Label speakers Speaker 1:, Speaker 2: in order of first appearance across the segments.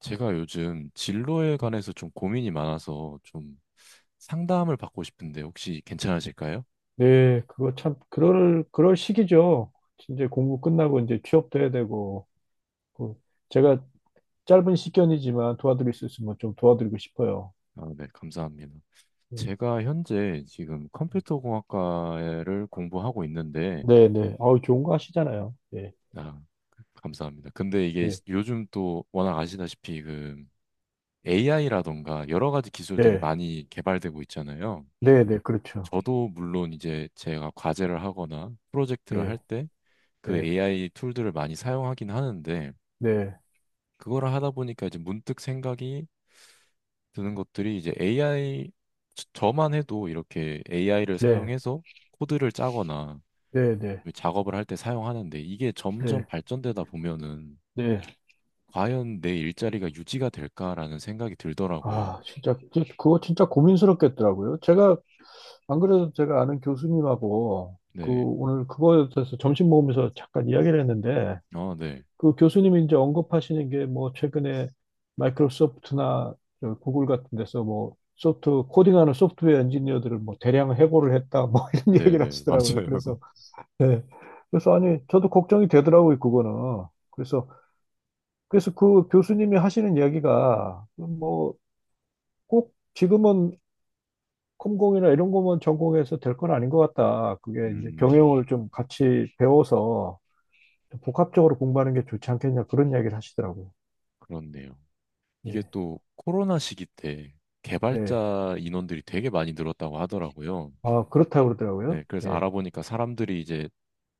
Speaker 1: 제가 요즘 진로에 관해서 좀 고민이 많아서 좀 상담을 받고 싶은데 혹시 괜찮으실까요?
Speaker 2: 네, 그거 참 그럴 시기죠. 이제 공부 끝나고 이제 취업도 해야 되고 그 제가 짧은 시견이지만 도와드릴 수 있으면 좀 도와드리고 싶어요.
Speaker 1: 아, 네, 감사합니다.
Speaker 2: 예.
Speaker 1: 제가 현재 지금 컴퓨터공학과를 공부하고 있는데,
Speaker 2: 네, 네. 아우 좋은 거 하시잖아요. 예,
Speaker 1: 아, 그, 감사합니다. 근데 이게
Speaker 2: 예,
Speaker 1: 요즘 또 워낙 아시다시피 그 AI라던가 여러 가지 기술들이
Speaker 2: 예,
Speaker 1: 많이 개발되고 있잖아요.
Speaker 2: 네, 네, 그렇죠.
Speaker 1: 저도 물론 이제 제가 과제를 하거나 프로젝트를 할
Speaker 2: 예,
Speaker 1: 때 그
Speaker 2: 네,
Speaker 1: AI 툴들을 많이 사용하긴 하는데,
Speaker 2: 네,
Speaker 1: 그거를 하다 보니까 이제 문득 생각이 드는 것들이 이제 AI 저만 해도 이렇게 AI를
Speaker 2: 네,
Speaker 1: 사용해서 코드를 짜거나
Speaker 2: 네, 네,
Speaker 1: 작업을 할 때 사용하는데 이게 점점
Speaker 2: 네,
Speaker 1: 발전되다 보면은
Speaker 2: 네.
Speaker 1: 과연 내 일자리가 유지가 될까라는 생각이 들더라고요.
Speaker 2: 아, 진짜 그거 진짜 고민스럽겠더라고요. 제가 안 그래도 제가 아는 교수님하고 그
Speaker 1: 네.
Speaker 2: 오늘 그거에 대해서 점심 먹으면서 잠깐 이야기를 했는데,
Speaker 1: 아, 네.
Speaker 2: 그 교수님이 이제 언급하시는 게 뭐 최근에 마이크로소프트나 저 구글 같은 데서 뭐 소프트 코딩하는 소프트웨어 엔지니어들을 뭐 대량 해고를 했다 뭐 이런
Speaker 1: 네,
Speaker 2: 얘기를
Speaker 1: 네.
Speaker 2: 하시더라고요.
Speaker 1: 맞아요.
Speaker 2: 그래서 네. 그래서 아니 저도 걱정이 되더라고요 그거는. 그래서 그래서 그 교수님이 하시는 이야기가 뭐 꼭 지금은 컴공이나 이런 거만 전공해서 될 건 아닌 것 같다. 그게 이제
Speaker 1: 음,
Speaker 2: 경영을 좀 같이 배워서 복합적으로 공부하는 게 좋지 않겠냐 그런 이야기를 하시더라고요.
Speaker 1: 그렇네요. 이게
Speaker 2: 네.
Speaker 1: 또 코로나 시기 때
Speaker 2: 네.
Speaker 1: 개발자 인원들이 되게 많이 늘었다고 하더라고요.
Speaker 2: 아, 그렇다고 그러더라고요.
Speaker 1: 네, 그래서
Speaker 2: 예.
Speaker 1: 알아보니까 사람들이 이제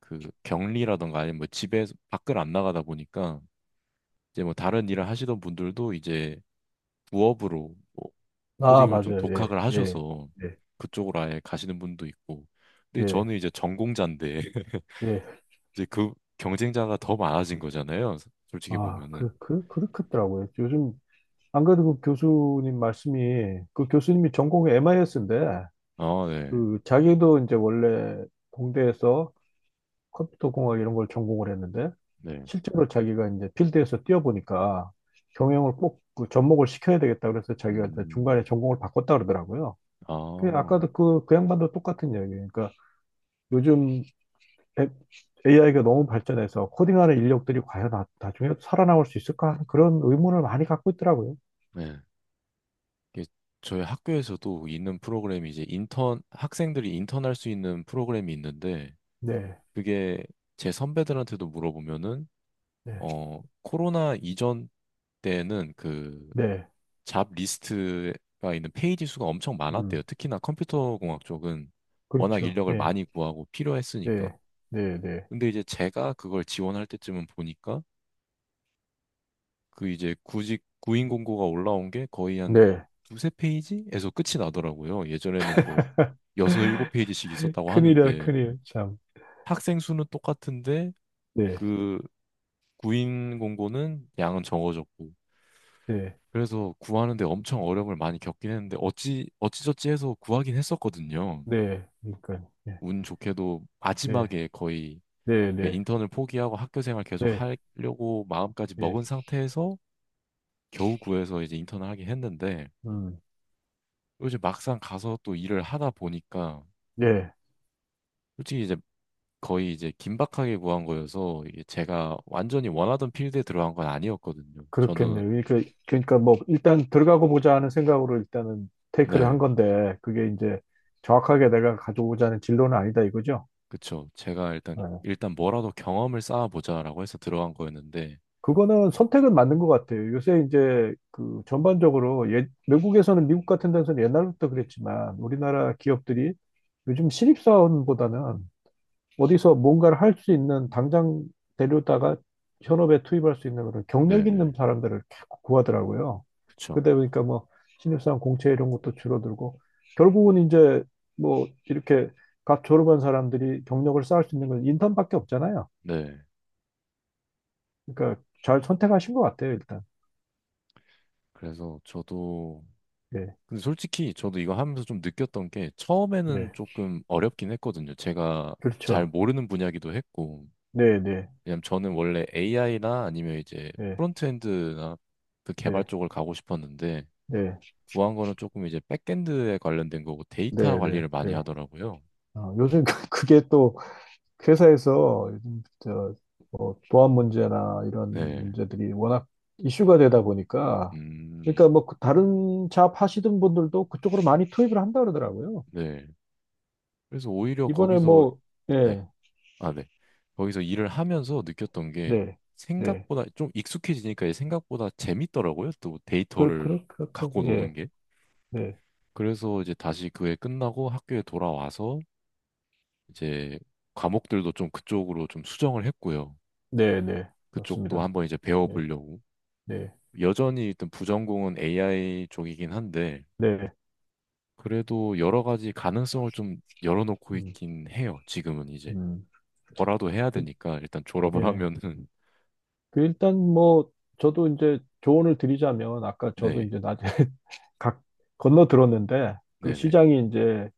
Speaker 1: 그 격리라던가 아니면 뭐 집에 밖을 안 나가다 보니까 이제 뭐 다른 일을 하시던 분들도 이제 부업으로 뭐
Speaker 2: 아,
Speaker 1: 코딩을 좀
Speaker 2: 맞아요. 예,
Speaker 1: 독학을
Speaker 2: 예,
Speaker 1: 하셔서
Speaker 2: 예,
Speaker 1: 그쪽으로 아예 가시는 분도 있고. 근데
Speaker 2: 예,
Speaker 1: 저는 이제 전공자인데
Speaker 2: 예.
Speaker 1: 이제 그 경쟁자가 더 많아진 거잖아요. 솔직히
Speaker 2: 아,
Speaker 1: 보면은.
Speaker 2: 그렇겠더라고요. 요즘, 안 그래도 그 교수님 말씀이, 그 교수님이 전공이 MIS인데,
Speaker 1: 아, 네.
Speaker 2: 그, 자기도 이제 원래 공대에서 컴퓨터 공학 이런 걸 전공을 했는데,
Speaker 1: 네.
Speaker 2: 실제로 자기가 이제 필드에서 뛰어보니까 경영을 꼭 그 접목을 시켜야 되겠다, 그래서 자기가 이제 중간에
Speaker 1: 음.
Speaker 2: 전공을 바꿨다 그러더라고요. 그
Speaker 1: 아,
Speaker 2: 아까도 그, 그 양반도 똑같은 이야기예요. 그러니까 요즘 AI가 너무 발전해서 코딩하는 인력들이 과연 나중에 살아남을 수 있을까 하는 그런 의문을 많이 갖고 있더라고요.
Speaker 1: 네. 이게 저희 학교에서도 있는 프로그램이 이제 인턴 학생들이 인턴할 수 있는 프로그램이 있는데
Speaker 2: 네,
Speaker 1: 그게 제 선배들한테도 물어보면은
Speaker 2: 네,
Speaker 1: 코로나 이전 때는 그
Speaker 2: 네,
Speaker 1: 잡 리스트가 있는 페이지 수가 엄청 많았대요.
Speaker 2: 음,
Speaker 1: 특히나 컴퓨터공학 쪽은 워낙
Speaker 2: 그렇죠.
Speaker 1: 인력을
Speaker 2: 네,
Speaker 1: 많이 구하고 필요했으니까.
Speaker 2: 네, 네, 네,
Speaker 1: 근데 이제 제가 그걸 지원할 때쯤은 보니까 그 이제 구직 구인 공고가 올라온 게 거의 한
Speaker 2: 네.
Speaker 1: 두세 페이지에서 끝이 나더라고요. 예전에는 뭐 여섯 일곱 페이지씩 있었다고
Speaker 2: 큰일이야,
Speaker 1: 하는데
Speaker 2: 큰일. 참.
Speaker 1: 학생 수는 똑같은데
Speaker 2: 네,
Speaker 1: 그 구인 공고는 양은 적어졌고
Speaker 2: 네,
Speaker 1: 그래서 구하는데 엄청 어려움을 많이 겪긴 했는데 어찌저찌 해서 구하긴 했었거든요.
Speaker 2: 네. 그러니까, 네,
Speaker 1: 운 좋게도
Speaker 2: 네,
Speaker 1: 마지막에 거의
Speaker 2: 네,
Speaker 1: 예,
Speaker 2: 네,
Speaker 1: 인턴을 포기하고 학교 생활 계속
Speaker 2: 네,
Speaker 1: 하려고 마음까지
Speaker 2: 네.
Speaker 1: 먹은 상태에서 겨우 구해서 이제 인턴을 하긴 했는데
Speaker 2: 음,
Speaker 1: 이제 막상 가서 또 일을 하다 보니까
Speaker 2: 네.
Speaker 1: 솔직히 이제 거의 이제 긴박하게 구한 거여서 이게 제가 완전히 원하던 필드에 들어간 건 아니었거든요. 저는
Speaker 2: 그렇겠네요. 그러니까, 그러니까 뭐, 일단 들어가고 보자 하는 생각으로 일단은 테이크를 한
Speaker 1: 네.
Speaker 2: 건데, 그게 이제 정확하게 내가 가져오자는 진로는 아니다 이거죠?
Speaker 1: 그쵸. 제가 일단,
Speaker 2: 네.
Speaker 1: 일단 뭐라도 경험을 쌓아보자라고 해서 들어간 거였는데,
Speaker 2: 그거는 선택은 맞는 것 같아요. 요새 이제 그 전반적으로 예, 외국에서는 미국 같은 데서는 옛날부터 그랬지만 우리나라 기업들이 요즘 신입사원보다는 어디서 뭔가를 할 수 있는 당장 데려다가 현업에 투입할 수 있는 그런 경력 있는
Speaker 1: 네네.
Speaker 2: 사람들을 자꾸 구하더라고요.
Speaker 1: 그쵸.
Speaker 2: 그러다 보니까 뭐 신입사원 공채 이런 것도 줄어들고 결국은 이제 뭐 이렇게 각 졸업한 사람들이 경력을 쌓을 수 있는 건 인턴밖에 없잖아요.
Speaker 1: 네.
Speaker 2: 그러니까 잘 선택하신 것 같아요, 일단.
Speaker 1: 그래서 저도,
Speaker 2: 예.
Speaker 1: 근데 솔직히 저도 이거 하면서 좀 느꼈던 게, 처음에는
Speaker 2: 네,
Speaker 1: 조금 어렵긴 했거든요. 제가 잘
Speaker 2: 그렇죠.
Speaker 1: 모르는 분야기도 했고,
Speaker 2: 네, 네,
Speaker 1: 왜냐면 저는 원래 AI나 아니면 이제
Speaker 2: 네,
Speaker 1: 프론트엔드나 그 개발
Speaker 2: 네,
Speaker 1: 쪽을 가고 싶었는데,
Speaker 2: 네,
Speaker 1: 구한 거는 조금 이제 백엔드에 관련된 거고, 데이터
Speaker 2: 네, 네,
Speaker 1: 관리를 많이
Speaker 2: 네.
Speaker 1: 하더라고요.
Speaker 2: 어, 요즘 그게 또 회사에서 요즘 저, 뭐 보안 문제나 이런
Speaker 1: 네.
Speaker 2: 문제들이 워낙 이슈가 되다 보니까,
Speaker 1: 음,
Speaker 2: 그러니까 뭐그 다른 잡 하시던 분들도 그쪽으로 많이 투입을 한다 그러더라고요.
Speaker 1: 네. 그래서 오히려
Speaker 2: 이번에
Speaker 1: 거기서
Speaker 2: 뭐
Speaker 1: 네.
Speaker 2: 예,
Speaker 1: 아, 네. 거기서 일을 하면서 느꼈던 게
Speaker 2: 네, 네,
Speaker 1: 생각보다 좀 익숙해지니까 이게 생각보다 재밌더라고요. 또 데이터를 갖고
Speaker 2: 예,
Speaker 1: 노는 게.
Speaker 2: 네,
Speaker 1: 그래서 이제 다시 그해 끝나고 학교에 돌아와서 이제 과목들도 좀 그쪽으로 좀 수정을 했고요.
Speaker 2: 네, 네,
Speaker 1: 그쪽도
Speaker 2: 맞습니다.
Speaker 1: 한번 이제
Speaker 2: 네,
Speaker 1: 배워보려고.
Speaker 2: 네,
Speaker 1: 여전히 일단 부전공은 AI 쪽이긴 한데
Speaker 2: 네,
Speaker 1: 그래도 여러 가지 가능성을 좀 열어놓고
Speaker 2: 음,
Speaker 1: 있긴 해요. 지금은 이제
Speaker 2: 음,
Speaker 1: 뭐라도 해야
Speaker 2: 그,
Speaker 1: 되니까 일단 졸업을
Speaker 2: 예.
Speaker 1: 하면은
Speaker 2: 그 일단 뭐 저도 이제 조언을 드리자면 아까 저도
Speaker 1: 네,
Speaker 2: 이제 낮에 각 건너 들었는데, 그
Speaker 1: 네네.
Speaker 2: 시장이 이제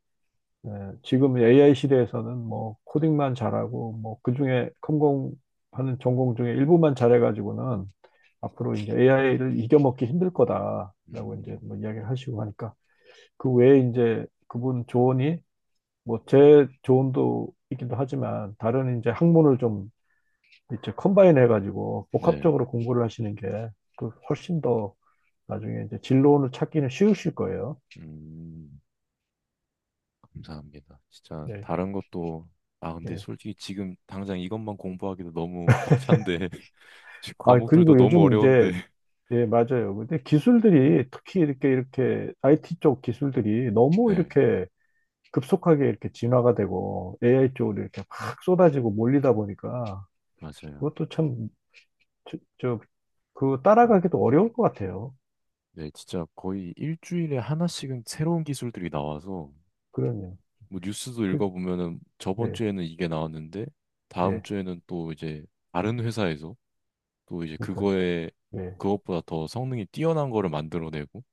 Speaker 2: 에, 지금 AI 시대에서는 뭐 코딩만 잘하고 뭐 그중에 컴공하는 전공 중에 일부만 잘해가지고는 앞으로 이제 AI를 이겨먹기 힘들 거다라고 이제
Speaker 1: 음,
Speaker 2: 뭐 이야기를 하시고 하니까, 그 외에 이제 그분 조언이 뭐 제 조언도 있기도 하지만 다른 이제 학문을 좀 이제 컴바인 해가지고
Speaker 1: 네.
Speaker 2: 복합적으로 공부를 하시는 게 그 훨씬 더 나중에 이제 진로를 찾기는 쉬우실 거예요.
Speaker 1: 음, 감사합니다. 진짜
Speaker 2: 네.
Speaker 1: 다른 것도 아 근데
Speaker 2: 예.
Speaker 1: 솔직히 지금 당장 이것만 공부하기도 너무 벅찬데 지금
Speaker 2: 아,
Speaker 1: 과목들도
Speaker 2: 그리고
Speaker 1: 너무
Speaker 2: 요즘
Speaker 1: 어려운데
Speaker 2: 이제, 예, 맞아요. 근데 기술들이 특히 이렇게 IT 쪽 기술들이 너무
Speaker 1: 네
Speaker 2: 이렇게 급속하게 이렇게 진화가 되고 AI 쪽으로 이렇게 막 쏟아지고 몰리다 보니까
Speaker 1: 맞아요.
Speaker 2: 그것도 참, 저, 저, 그 따라가기도 어려울 것 같아요.
Speaker 1: 네 진짜 거의 일주일에 하나씩은 새로운 기술들이 나와서
Speaker 2: 그럼요.
Speaker 1: 뭐 뉴스도
Speaker 2: 그,
Speaker 1: 읽어보면은 저번
Speaker 2: 네,
Speaker 1: 주에는 이게 나왔는데 다음
Speaker 2: 예.
Speaker 1: 주에는 또 이제 다른 회사에서 또 이제
Speaker 2: 그러니까,
Speaker 1: 그거에
Speaker 2: 예.
Speaker 1: 그것보다 더 성능이 뛰어난 거를 만들어내고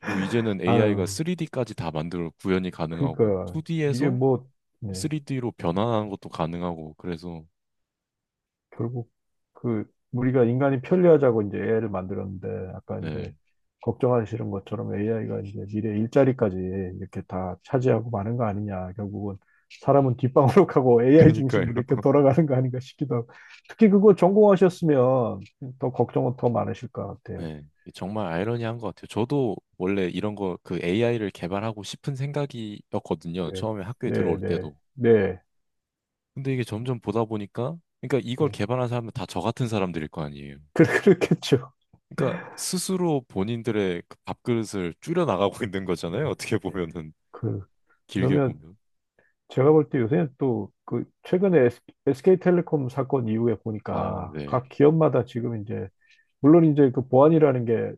Speaker 1: 뭐 이제는 AI가
Speaker 2: 아유.
Speaker 1: 3D까지 다 만들어 구현이 가능하고
Speaker 2: 그러니까 이게
Speaker 1: 2D에서
Speaker 2: 뭐 네,
Speaker 1: 3D로 변환하는 것도 가능하고 그래서
Speaker 2: 결국 그 우리가 인간이 편리하자고 이제 AI를 만들었는데 아까 이제
Speaker 1: 네.
Speaker 2: 걱정하시는 것처럼 AI가 이제 미래 일자리까지 이렇게 다 차지하고 마는 거 아니냐. 결국은 사람은 뒷방으로 가고 AI
Speaker 1: 그니까요.
Speaker 2: 중심으로 이렇게 돌아가는 거 아닌가 싶기도 하고. 특히 그거 전공하셨으면 더 걱정은 더 많으실 것 같아요.
Speaker 1: 네, 정말 아이러니한 것 같아요. 저도 원래 이런 거 그 AI를 개발하고 싶은 생각이었거든요.
Speaker 2: 네,
Speaker 1: 처음에 학교에
Speaker 2: 네,
Speaker 1: 들어올
Speaker 2: 네,
Speaker 1: 때도.
Speaker 2: 네,
Speaker 1: 근데 이게 점점 보다 보니까, 그러니까 이걸
Speaker 2: 네.
Speaker 1: 개발한 사람은 다 저 같은 사람들일 거 아니에요.
Speaker 2: 그렇겠죠.
Speaker 1: 그러니까 스스로 본인들의 그 밥그릇을 줄여 나가고 있는 거잖아요.
Speaker 2: 네.
Speaker 1: 어떻게 보면은
Speaker 2: 그,
Speaker 1: 길게
Speaker 2: 그러면
Speaker 1: 보면.
Speaker 2: 제가 볼 때 요새는 또 그 최근에 SK텔레콤 사건 이후에
Speaker 1: 아,
Speaker 2: 보니까
Speaker 1: 네,
Speaker 2: 각 기업마다 지금 이제 물론 이제 그 보안이라는 게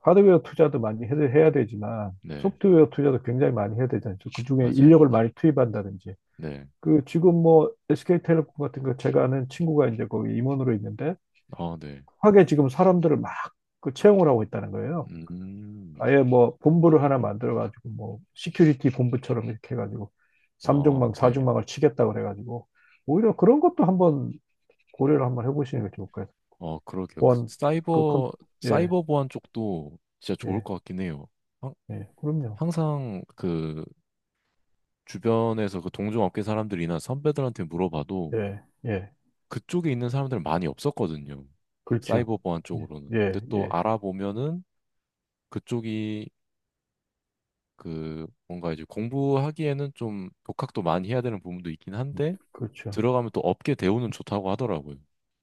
Speaker 2: 하드웨어 투자도 많이 해야 되지만
Speaker 1: 네,
Speaker 2: 소프트웨어 투자도 굉장히 많이 해야 되잖아요. 그중에
Speaker 1: 맞아요.
Speaker 2: 인력을 많이 투입한다든지.
Speaker 1: 네.
Speaker 2: 그 지금 뭐 SK텔레콤 같은 거 제가 아는 친구가 이제 거기 임원으로 있는데
Speaker 1: 아, 네.
Speaker 2: 확에 지금 사람들을 막 그 채용을 하고 있다는 거예요.
Speaker 1: 음.
Speaker 2: 아예 뭐 본부를 하나 만들어가지고 뭐 시큐리티 본부처럼 이렇게 해가지고
Speaker 1: 아, 네.
Speaker 2: 삼중망사중망을 치겠다 그래가지고 오히려 그런 것도 한번 고려를 한번 해보시는 게 좋을 거예요.
Speaker 1: 어, 그러게요. 그
Speaker 2: 보안 그 컴,
Speaker 1: 사이버
Speaker 2: 예,
Speaker 1: 사이버 보안 쪽도 진짜 좋을
Speaker 2: 예,
Speaker 1: 것 같긴 해요. 항-
Speaker 2: 예, 그럼요.
Speaker 1: 항상 그 주변에서 그 동종업계 사람들이나 선배들한테 물어봐도
Speaker 2: 예, 예,
Speaker 1: 그쪽에 있는 사람들은 많이 없었거든요.
Speaker 2: 그렇죠.
Speaker 1: 사이버 보안
Speaker 2: 예,
Speaker 1: 쪽으로는. 근데
Speaker 2: 예,
Speaker 1: 또
Speaker 2: 예,
Speaker 1: 알아보면은 그쪽이 그 뭔가 이제 공부하기에는 좀 독학도 많이 해야 되는 부분도 있긴 한데
Speaker 2: 그렇죠.
Speaker 1: 들어가면 또 업계 대우는 좋다고 하더라고요.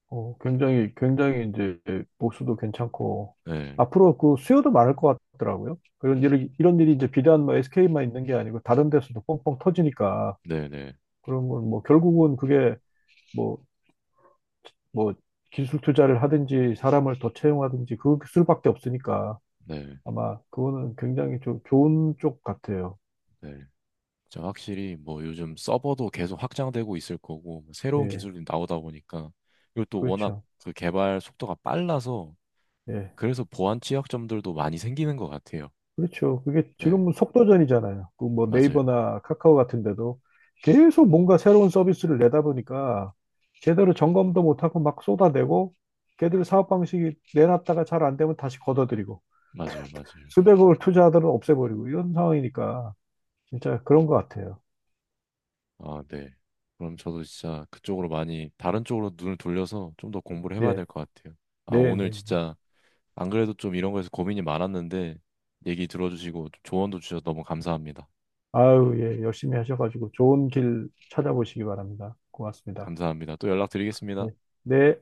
Speaker 2: 어, 굉장히 이제 보수도 괜찮고
Speaker 1: 네.
Speaker 2: 앞으로 그 수요도 많을 것 같더라고요. 그런 일이 이런 일이 이제 비단 뭐 SK만 있는 게 아니고 다른 데서도 뻥뻥 터지니까
Speaker 1: 네, 네.
Speaker 2: 그런 건 뭐 결국은 그게 뭐, 뭐, 기술 투자를 하든지 사람을 더 채용하든지 그 수밖에 없으니까
Speaker 1: 네.
Speaker 2: 아마 그거는 굉장히 좋은 쪽 같아요.
Speaker 1: 네. 자, 확실히 뭐 요즘 서버도 계속 확장되고 있을 거고 뭐 새로운
Speaker 2: 예,
Speaker 1: 기술이 나오다 보니까 이것또 워낙
Speaker 2: 그렇죠.
Speaker 1: 그 개발 속도가 빨라서
Speaker 2: 예,
Speaker 1: 그래서 보안 취약점들도 많이 생기는 것 같아요.
Speaker 2: 그렇죠. 그게
Speaker 1: 네,
Speaker 2: 지금은 속도전이잖아요. 그 뭐
Speaker 1: 맞아요,
Speaker 2: 네이버나 카카오 같은 데도 계속 뭔가 새로운 서비스를 내다 보니까 제대로 점검도 못하고 막 쏟아내고 걔들 사업 방식이 내놨다가 잘 안 되면 다시 걷어들이고
Speaker 1: 맞아요, 맞아요.
Speaker 2: 수백억을 투자하더라도 없애버리고 이런 상황이니까 진짜 그런 것 같아요.
Speaker 1: 아, 네. 그럼 저도 진짜 그쪽으로 많이 다른 쪽으로 눈을 돌려서 좀 더 공부를 해봐야 될
Speaker 2: 예,
Speaker 1: 것 같아요. 아,
Speaker 2: 네,
Speaker 1: 오늘
Speaker 2: 네. 네.
Speaker 1: 진짜 안 그래도 좀 이런 거에서 고민이 많았는데 얘기 들어주시고 조언도 주셔서 너무 감사합니다.
Speaker 2: 아유, 예, 열심히 하셔가지고 좋은 길 찾아보시기 바랍니다. 고맙습니다.
Speaker 1: 감사합니다. 또 연락드리겠습니다.
Speaker 2: 네. 네.